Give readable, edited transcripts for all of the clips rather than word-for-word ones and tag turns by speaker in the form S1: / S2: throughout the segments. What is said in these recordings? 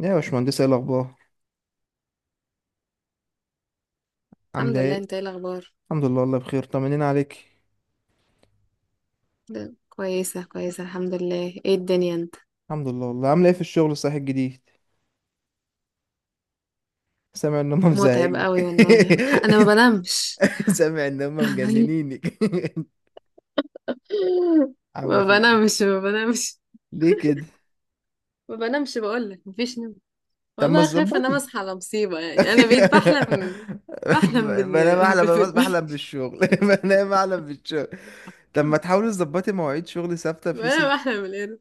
S1: يا باشمهندس ايه الاخبار؟ عامله
S2: الحمد لله،
S1: ايه؟
S2: انت ايه الاخبار؟
S1: الحمد لله والله بخير، طمنين عليك.
S2: كويسه الحمد لله، ايه الدنيا انت؟
S1: الحمد لله والله. عامله ايه في الشغل الصحي الجديد؟ سامع ان هم
S2: متعب
S1: مزهقين.
S2: قوي والله. انا ما بنامش.
S1: سامع ان هم مجننينك. عامله
S2: ما
S1: في ايه؟
S2: بنامش ما بنامش
S1: ليه كده؟
S2: ما بنامش، بقول لك مفيش نوم.
S1: طب ما
S2: والله خايفه انام
S1: تظبطي.
S2: اصحى على مصيبه، يعني انا بقيت بحلم. بحلم
S1: انا بحلم،
S2: بال-
S1: بالشغل. انا بحلم بالشغل. طب ما تحاولي تظبطي مواعيد شغل ثابته بحيث.
S2: وانا بحلم بالقرد.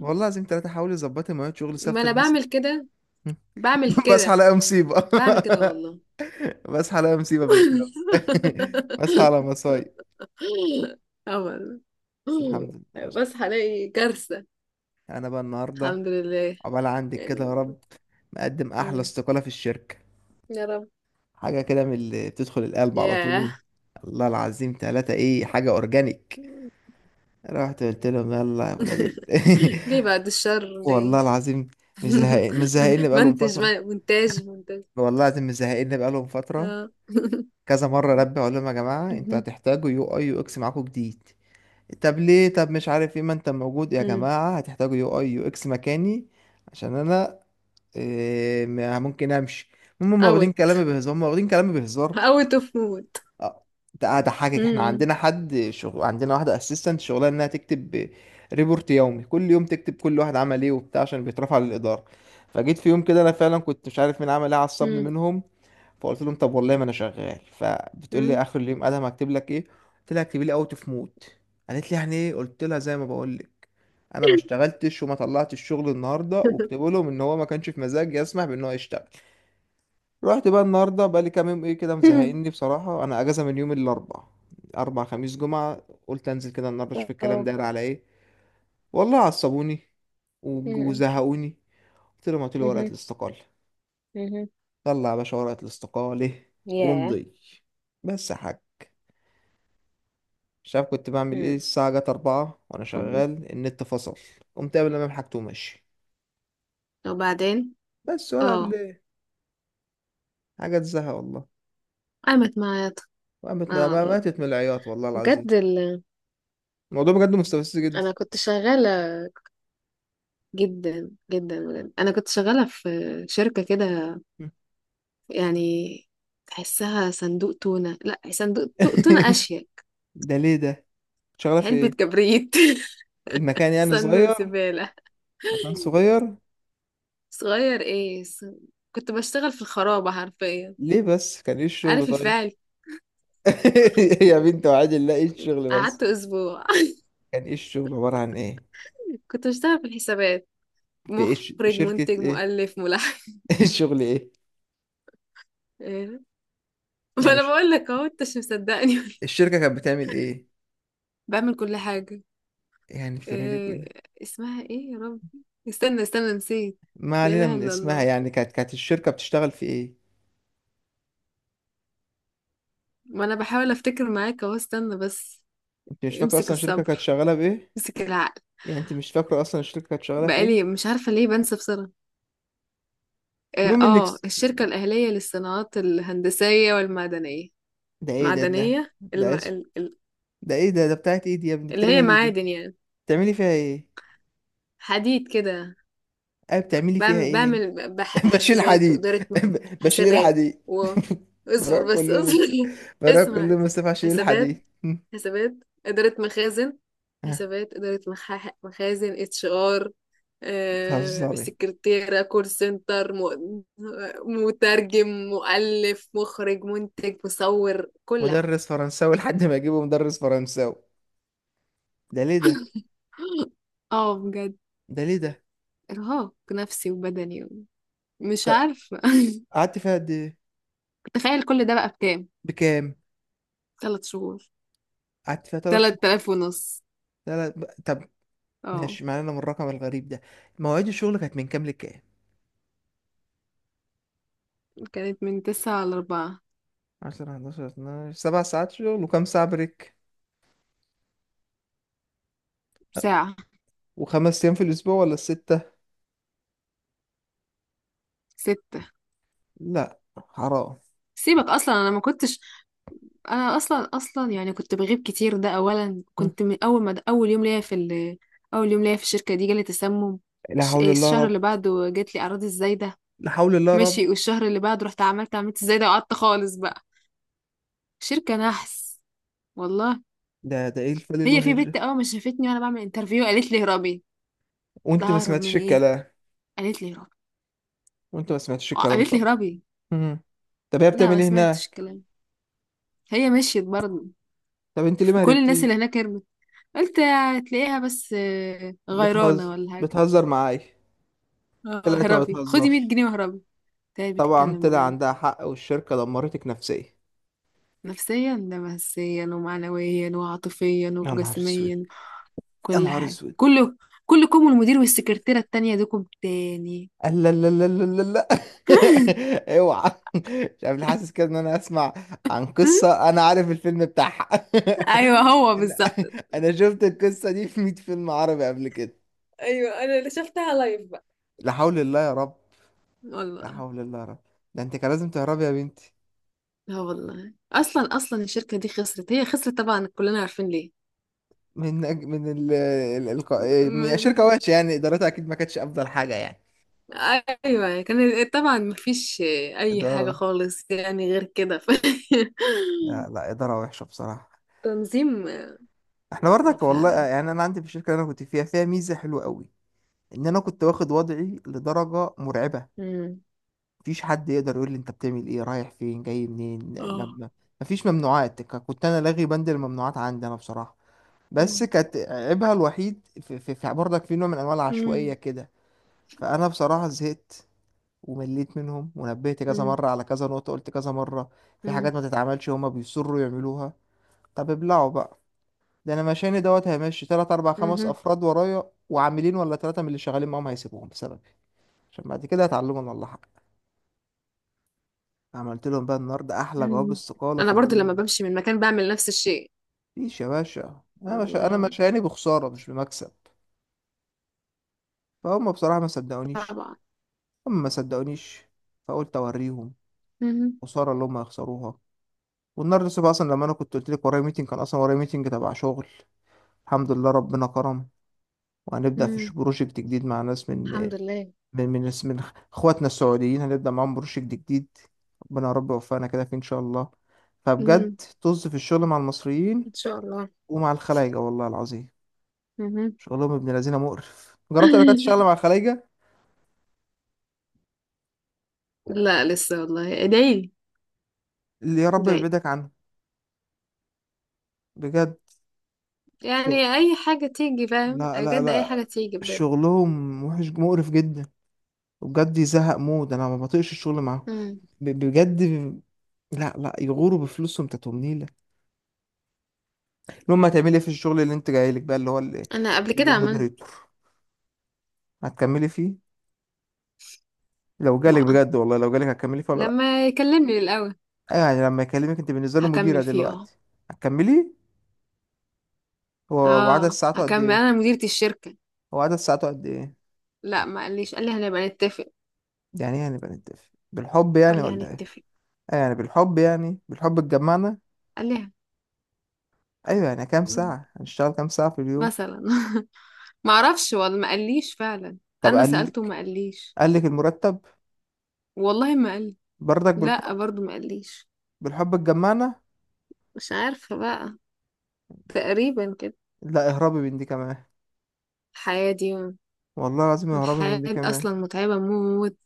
S1: والله لازم ثلاثه، حاولي تظبطي مواعيد شغل
S2: ما
S1: ثابته
S2: انا
S1: بحيث.
S2: بعمل
S1: بصحى
S2: كده
S1: الاقي مصيبه.
S2: بعمل كده والله.
S1: بصحى الاقي مصيبه في الشغل. بصحى على مصايب،
S2: اه والله.
S1: بس الحمد لله.
S2: بصحى الاقي كارثه.
S1: انا بقى النهارده،
S2: الحمد لله
S1: عقبال عندك كده
S2: يعني.
S1: يا رب، مقدم احلى
S2: مم.
S1: استقاله في الشركه.
S2: يا رب.
S1: حاجه كده من اللي بتدخل القلب على
S2: ياه.
S1: طول. الله العظيم ثلاثة ايه حاجه اورجانيك. رحت قلت لهم يلا يا ولاد ال...
S2: ليه بعد الشر؟ ليه؟
S1: والله العظيم مش زهقان، بقالهم
S2: منتج
S1: فتره.
S2: مونتاج.
S1: والله العظيم مش زهقان بقالهم فتره.
S2: اه.
S1: كذا مره ربي اقول لهم يا جماعه انتوا
S2: مهم.
S1: هتحتاجوا يو اي يو اكس معاكم جديد. طب ليه، طب مش عارف ايه، ما انت موجود يا
S2: مم.
S1: جماعة، هتحتاجوا يو اي يو اكس مكاني. عشان انا إيه ممكن امشي. هم واخدين
S2: اوت
S1: كلامي بهزار،
S2: اوت اوف مود.
S1: اه ده اضحكك، احنا
S2: مم.
S1: عندنا حد شغل عندنا واحدة اسيستنت شغلها انها تكتب ريبورت يومي، كل يوم تكتب كل واحد عمل ايه وبتاع عشان بيترفع للإدارة. فجيت في يوم كده انا فعلا كنت مش عارف مين عمل ايه، عصبني
S2: مم.
S1: منهم. فقلت لهم طب والله ما انا شغال، فبتقول لي
S2: مم.
S1: اخر اليوم ادهم هكتب لك ايه؟ قلت لها اكتبي لي اوت اوف مود. قالت لي يعني ايه؟ قلت لها زي ما بقول لك، انا ما
S2: مم.
S1: اشتغلتش وما طلعتش الشغل النهارده، واكتبوا لهم ان هو ما كانش في مزاج يسمح بان هو يشتغل. رحت بقى النهارده، بقى لي كام يوم ايه كده مزهقني بصراحه، انا اجازه من يوم الاربعاء، اربع خميس جمعه. قلت انزل كده النهارده اشوف الكلام
S2: اه.
S1: داير على ايه. والله عصبوني
S2: مم.
S1: وزهقوني. قلت لهم هاتوا لي ورقه
S2: مهم.
S1: الاستقاله.
S2: مهم.
S1: طلع يا باشا ورقه الاستقاله
S2: ياه.
S1: وامضي. بس يا حاج مش عارف كنت بعمل ايه،
S2: مم.
S1: الساعة جت أربعة وأنا
S2: طب-
S1: شغال، النت فصل. قمت قبل ما حاجته وماشي.
S2: وبعدين.
S1: بس ولا قبل
S2: اه،
S1: ايه؟ حاجة تزهق والله.
S2: قامت معايا
S1: وقامت
S2: اه والله.
S1: ماتت من العياط والله العظيم.
S2: بجد
S1: الموضوع بجد مستفز جدا.
S2: انا كنت شغالة جدا جدا. بجد انا كنت شغاله في شركه كده يعني، تحسها صندوق تونه. لا، صندوق تونه اشيك.
S1: ده ليه ده؟ شغالة في
S2: علبه
S1: ايه؟
S2: كبريت.
S1: المكان يعني
S2: صندوق
S1: صغير؟
S2: زباله
S1: مكان صغير.
S2: صغير. ايه كنت بشتغل في الخرابه حرفيا،
S1: ليه بس، كان ايه الشغل
S2: عارف
S1: طيب؟
S2: الفعل.
S1: يا بنت وعاد الله ايه الشغل بس؟
S2: قعدت اسبوع.
S1: كان ايه الشغل عبارة عن ايه؟
S2: كنت بشتغل في الحسابات،
S1: في ايه،
S2: مخرج
S1: شركة
S2: منتج
S1: ايه؟
S2: مؤلف ملحن.
S1: الشغل ايه؟
S2: إيه؟ ما
S1: يعني
S2: انا بقول لك اهو، انت مش مصدقني.
S1: الشركة كانت بتعمل ايه؟
S2: بعمل كل حاجه.
S1: يعني بتعمل
S2: إيه
S1: ايه؟
S2: اسمها؟ ايه يا رب، استنى استنى، نسيت.
S1: ما
S2: لا
S1: علينا
S2: إله
S1: من
S2: إلا
S1: اسمها،
S2: الله.
S1: يعني كانت، الشركة بتشتغل في ايه؟
S2: ما انا بحاول افتكر معاك اهو، استنى بس.
S1: انت مش فاكرة
S2: امسك
S1: اصلا الشركة كانت
S2: الصبر،
S1: شغالة بايه؟
S2: امسك العقل.
S1: يعني انت مش فاكرة اصلا الشركة كانت شغالة في
S2: بقالي
S1: ايه؟
S2: مش عارفة ليه بنسى بسرعة. اه،
S1: المهم انك
S2: آه، الشركة الأهلية للصناعات الهندسية والمعدنية.
S1: ده ايه ده، ده
S2: معدنية
S1: ده اسم. ده ايه ده، بتاعت ايه دي يا ابني،
S2: اللي هي
S1: بتعمل ايه دي؟
S2: معادن يعني،
S1: بتعملي فيها ايه؟
S2: حديد كده.
S1: ايه بتعملي فيها
S2: بعمل
S1: ايه انت؟
S2: بعمل
S1: بشيل
S2: حاسبات
S1: حديد.
S2: وإدارة
S1: بشيل
S2: حسابات،
S1: الحديد.
S2: و،
S1: بروح
S2: اصبر
S1: كل
S2: بس
S1: يوم
S2: اصبر.
S1: بروح كل
S2: اسمع.
S1: يوم الصبح اشيل
S2: حسابات
S1: الحديد.
S2: حسابات إدارة مخازن.
S1: ها،
S2: حسابات، إدارة مخازن، اتش ار،
S1: بتهزري؟
S2: سكرتيرة، كول سنتر، مترجم، مؤلف، مخرج، منتج، مصور، كل
S1: مدرس
S2: حاجة.
S1: فرنساوي لحد ما اجيبه مدرس فرنساوي. ده ليه ده؟
S2: اه بجد،
S1: ده ليه ده؟
S2: ارهاق نفسي وبدني. مش
S1: ك-
S2: عارفة.
S1: قعدت فيها قد ايه؟
S2: تخيل كل ده بقى بكام،
S1: بكام؟
S2: 3 شهور.
S1: قعدت فيها ثلاث
S2: تلات
S1: شهور.
S2: آلاف ونص
S1: لا لا، طب
S2: اه.
S1: ماشي معانا من الرقم الغريب ده. مواعيد الشغل كانت من كام لكام؟
S2: كانت من 9 لـ 4.
S1: 10 11 12 سبع ساعات شغل وكام ساعة بريك؟
S2: ساعة.
S1: وخمس أيام في الأسبوع ولا الستة؟
S2: 6.
S1: لا حرام.
S2: سيبك، أصلا أنا ما كنتش. انا اصلا اصلا يعني كنت بغيب كتير. ده اولا،
S1: م.
S2: كنت من اول ما اول يوم ليا في اول يوم ليا في الشركه دي جالي تسمم.
S1: لا حول الله يا
S2: الشهر اللي
S1: رب.
S2: بعده جات لي اعراض الزايده.
S1: لا حول الله يا رب.
S2: ماشي، والشهر اللي بعده رحت عملت الزايده، وقعدت خالص بقى. شركه نحس والله.
S1: ده ده إيه الفل
S2: هي في
S1: الوحش ده؟
S2: بنت اول ما شافتني وانا بعمل انترفيو قالت لي هربي. لا،
S1: وأنت ما
S2: ههرب
S1: سمعتش
S2: من ايه؟
S1: الكلام؟
S2: قالت لي هربي.
S1: وأنت ما سمعتش
S2: آه،
S1: الكلام
S2: قالت لي
S1: طبعا.
S2: هربي.
S1: م. طب هي
S2: لا،
S1: بتعمل
S2: ما
S1: إيه
S2: سمعتش
S1: هناك؟
S2: الكلام. هي مشيت برضه.
S1: طب أنت ليه ما
S2: كل الناس
S1: هربتي؟
S2: اللي هناك هربت. قلت هتلاقيها، بس آه، غيرانه
S1: بتهزر،
S2: ولا حاجه.
S1: بتهزر معايا.
S2: اه،
S1: طلعت ما
S2: هربي، خدي 100
S1: بتهزرش.
S2: جنيه وهربي. تعالي،
S1: طبعا
S2: بتتكلم
S1: طلع
S2: بجد.
S1: عندها حق، والشركة دمرتك نفسيا.
S2: نفسيا، ده نفسيا ومعنويا وعاطفيا
S1: يا نهار اسود.
S2: وجسميا.
S1: يا
S2: كل
S1: نهار
S2: حاجة
S1: اسود.
S2: كله. كلكم، والمدير، والسكرتيرة التانية دوكم تاني.
S1: قال لا لا لا لا لا لا. اوعى مش عارف ليه حاسس كده ان انا اسمع عن قصة انا عارف الفيلم بتاعها.
S2: ايوه هو
S1: انا
S2: بالظبط.
S1: انا شفت القصة دي في 100 فيلم عربي قبل كده.
S2: ايوه، انا اللي شفتها لايف بقى.
S1: لا حول الله يا رب. لا
S2: والله.
S1: حول الله يا رب. ده انت كان لازم تهربي يا بنتي.
S2: اه والله، اصلا اصلا الشركة دي خسرت. هي خسرت طبعا، كلنا عارفين ليه.
S1: من أج... من ال... ال... الق- من شركة
S2: م-
S1: وحشة، يعني ادارتها اكيد ما كانتش افضل حاجة يعني.
S2: ايوه، كان طبعا مفيش اي حاجة
S1: إدارة،
S2: خالص يعني غير كده
S1: لا لا، إدارة وحشة بصراحة.
S2: تنظيم.
S1: احنا
S2: اه
S1: برضك والله،
S2: فعلا.
S1: يعني انا عندي في الشركة اللي انا كنت فيها فيها ميزة حلوة قوي، ان انا كنت واخد وضعي لدرجه مرعبه.
S2: مم.
S1: مفيش حد يقدر يقول لي انت بتعمل ايه، رايح فين جاي منين،
S2: اه.
S1: مفيش ممنوعات. كنت انا لاغي بند الممنوعات عندي انا بصراحه. بس
S2: مم.
S1: كانت عيبها الوحيد في برضك في نوع من انواع العشوائيه
S2: مم.
S1: كده. فانا بصراحه زهقت ومليت منهم ونبهت كذا
S2: مم.
S1: مره على كذا نقطه، قلت كذا مره في حاجات
S2: مم.
S1: ما تتعملش، هما بيصروا يعملوها. طب ابلعوا بقى. ده انا مشاني دوت هيمشي تلات اربع خمس
S2: مهم.
S1: افراد ورايا، وعاملين ولا ثلاثه من اللي شغالين معاهم هيسيبوهم بسبب، عشان بعد كده يتعلموا ان الله حق. عملت لهم بقى النهارده احلى جواب
S2: مم.
S1: استقالة في
S2: انا برضو لما
S1: الدنيا.
S2: بمشي من مكان بعمل نفس الشيء.
S1: مفيش يا باشا، انا مش انا
S2: الله.
S1: مشاني بخسارة مش بمكسب. فهم بصراحة ما صدقونيش،
S2: طبعا.
S1: هم ما صدقونيش. فقلت اوريهم
S2: مهم.
S1: خسارة اللي هم هيخسروها. والنهارده الصبح اصلا لما انا كنت قلت لك ورايا ميتنج، كان اصلا ورايا ميتنج تبع شغل. الحمد لله ربنا كرم، وهنبدأ في
S2: مم.
S1: بروجكت جديد مع ناس من
S2: الحمد لله.
S1: من من من اخواتنا السعوديين، هنبدأ معاهم بروجكت جديد. ربنا يا رب يوفقنا كده فيه ان شاء الله.
S2: مم.
S1: فبجد طز في الشغل مع المصريين
S2: ان شاء الله.
S1: ومع الخلايجة والله العظيم.
S2: مهم.
S1: شغلهم ابن لذينه مقرف. جربت قبل كده تشتغل مع الخلايجة؟
S2: لا لسه، والله ادعي لي.
S1: اللي يا رب
S2: ادعي لي.
S1: يبعدك عنه بجد. شغل،
S2: يعني اي حاجه تيجي، فاهم
S1: لا لا
S2: بجد؟ اي حاجه
S1: لا،
S2: تيجي بجد.
S1: شغلهم وحش مقرف جدا. وبجد يزهق مود، انا ما بطيقش الشغل معاهم.
S2: مم.
S1: بجد. لا لا، يغوروا بفلوسهم تاتهم نيلة. المهم هتعملي ايه في الشغل اللي انت جايلك بقى، اللي هو
S2: انا قبل كده عملت.
S1: المودريتور؟ هتكملي فيه؟ لو جالك
S2: بقى
S1: بجد، والله لو جالك هتكملي فيه ولا لا؟
S2: لما يكلمني الاول.
S1: ايوه يعني لما يكلمك، انت بالنسبة له
S2: هكمل
S1: مديرة
S2: فيه اه.
S1: دلوقتي. هتكملي. هو وعدد
S2: اه،
S1: ساعاته قد
S2: هكمل،
S1: ايه؟
S2: انا مديرة الشركه.
S1: هو عدد ساعاته قد ايه؟
S2: لا، ما قاليش، قال لي هنبقى نتفق.
S1: يعني ايه، يعني بنتفق بالحب يعني
S2: قال لي
S1: ولا ايه؟
S2: هنتفق.
S1: آه يعني بالحب، يعني بالحب اتجمعنا.
S2: قال لي
S1: ايوه يعني كام ساعة هنشتغل، كام ساعة في اليوم؟
S2: مثلا. ما اعرفش، والله ما قاليش فعلا.
S1: طب
S2: انا
S1: قال
S2: سألته
S1: لك؟
S2: ما قاليش.
S1: قال لك المرتب؟
S2: والله ما قال.
S1: برضك
S2: لا،
S1: بالحب.
S2: برضو ما قاليش.
S1: بالحب اتجمعنا.
S2: مش عارفة بقى. تقريبا كده
S1: لا اهربي من دي كمان.
S2: الحياة دي.
S1: والله العظيم اهربي من
S2: الحياة
S1: دي
S2: دي
S1: كمان.
S2: اصلا متعبة موت.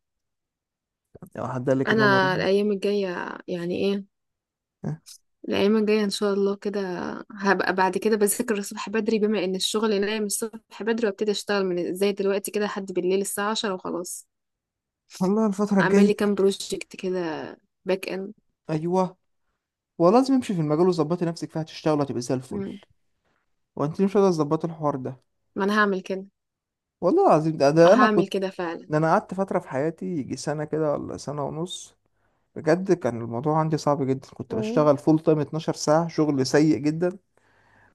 S1: لو حد قال لك انها مريحة.
S2: انا الايام الجاية يعني ايه؟
S1: آه.
S2: الايام الجاية ان شاء الله كده هبقى. بعد كده بذاكر الصبح بدري، بما ان الشغل نايم الصبح بدري، وابتدي اشتغل من زي دلوقتي كده لحد بالليل الساعة 10 وخلاص.
S1: والله الفترة
S2: اعمل
S1: الجاية،
S2: لي كام بروجكت كده، باك اند.
S1: ايوه والله لازم امشي في المجال، وظبطي نفسك فيها هتشتغلي هتبقي زي الفل.
S2: مم.
S1: وانت مش قادرة تظبطي الحوار ده.
S2: ما انا هعمل كده.
S1: والله العظيم
S2: اه
S1: ده انا كنت،
S2: هعمل كده فعلا.
S1: ده انا قعدت فترة في حياتي يجي سنة كده ولا سنة ونص. بجد كان الموضوع عندي صعب جدا، كنت
S2: مم.
S1: بشتغل فول تايم 12 ساعة شغل سيء جدا.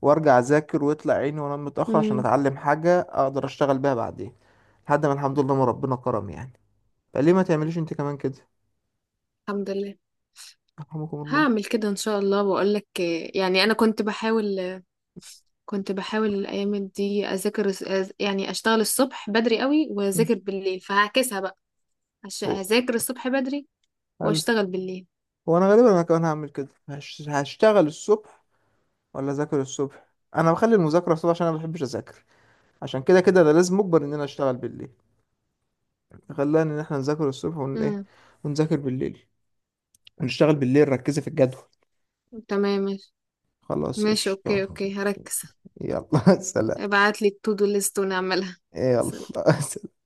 S1: وارجع اذاكر ويطلع عيني وانام متأخر عشان
S2: مم.
S1: اتعلم حاجة اقدر اشتغل بيها بعدين، لحد ما الحمد لله ما ربنا كرم يعني. فليه ما تعمليش انت كمان كده؟
S2: الحمد لله.
S1: يرحمكم الله.
S2: هعمل كده ان شاء الله واقول لك. يعني انا كنت بحاول، الايام دي اذاكر يعني اشتغل الصبح بدري قوي
S1: مم.
S2: واذاكر بالليل، فهعكسها بقى.
S1: هو
S2: هذاكر الصبح بدري
S1: ألف.
S2: واشتغل بالليل.
S1: وانا غالبا انا كمان هعمل كده، هشتغل الصبح ولا اذاكر الصبح؟ انا بخلي المذاكره الصبح عشان انا ما بحبش اذاكر، عشان كده كده انا لازم اجبر ان انا اشتغل بالليل. خلاني ان احنا نذاكر الصبح ون ايه،
S2: مم.
S1: ونذاكر بالليل، ونشتغل بالليل. ركزي في الجدول.
S2: تمام ماشي.
S1: خلاص
S2: ماشي، اوكي
S1: قشطة.
S2: اوكي، هركز.
S1: يلا سلام.
S2: ابعت لي التو دو ليست ونعملها.
S1: يلا سلام.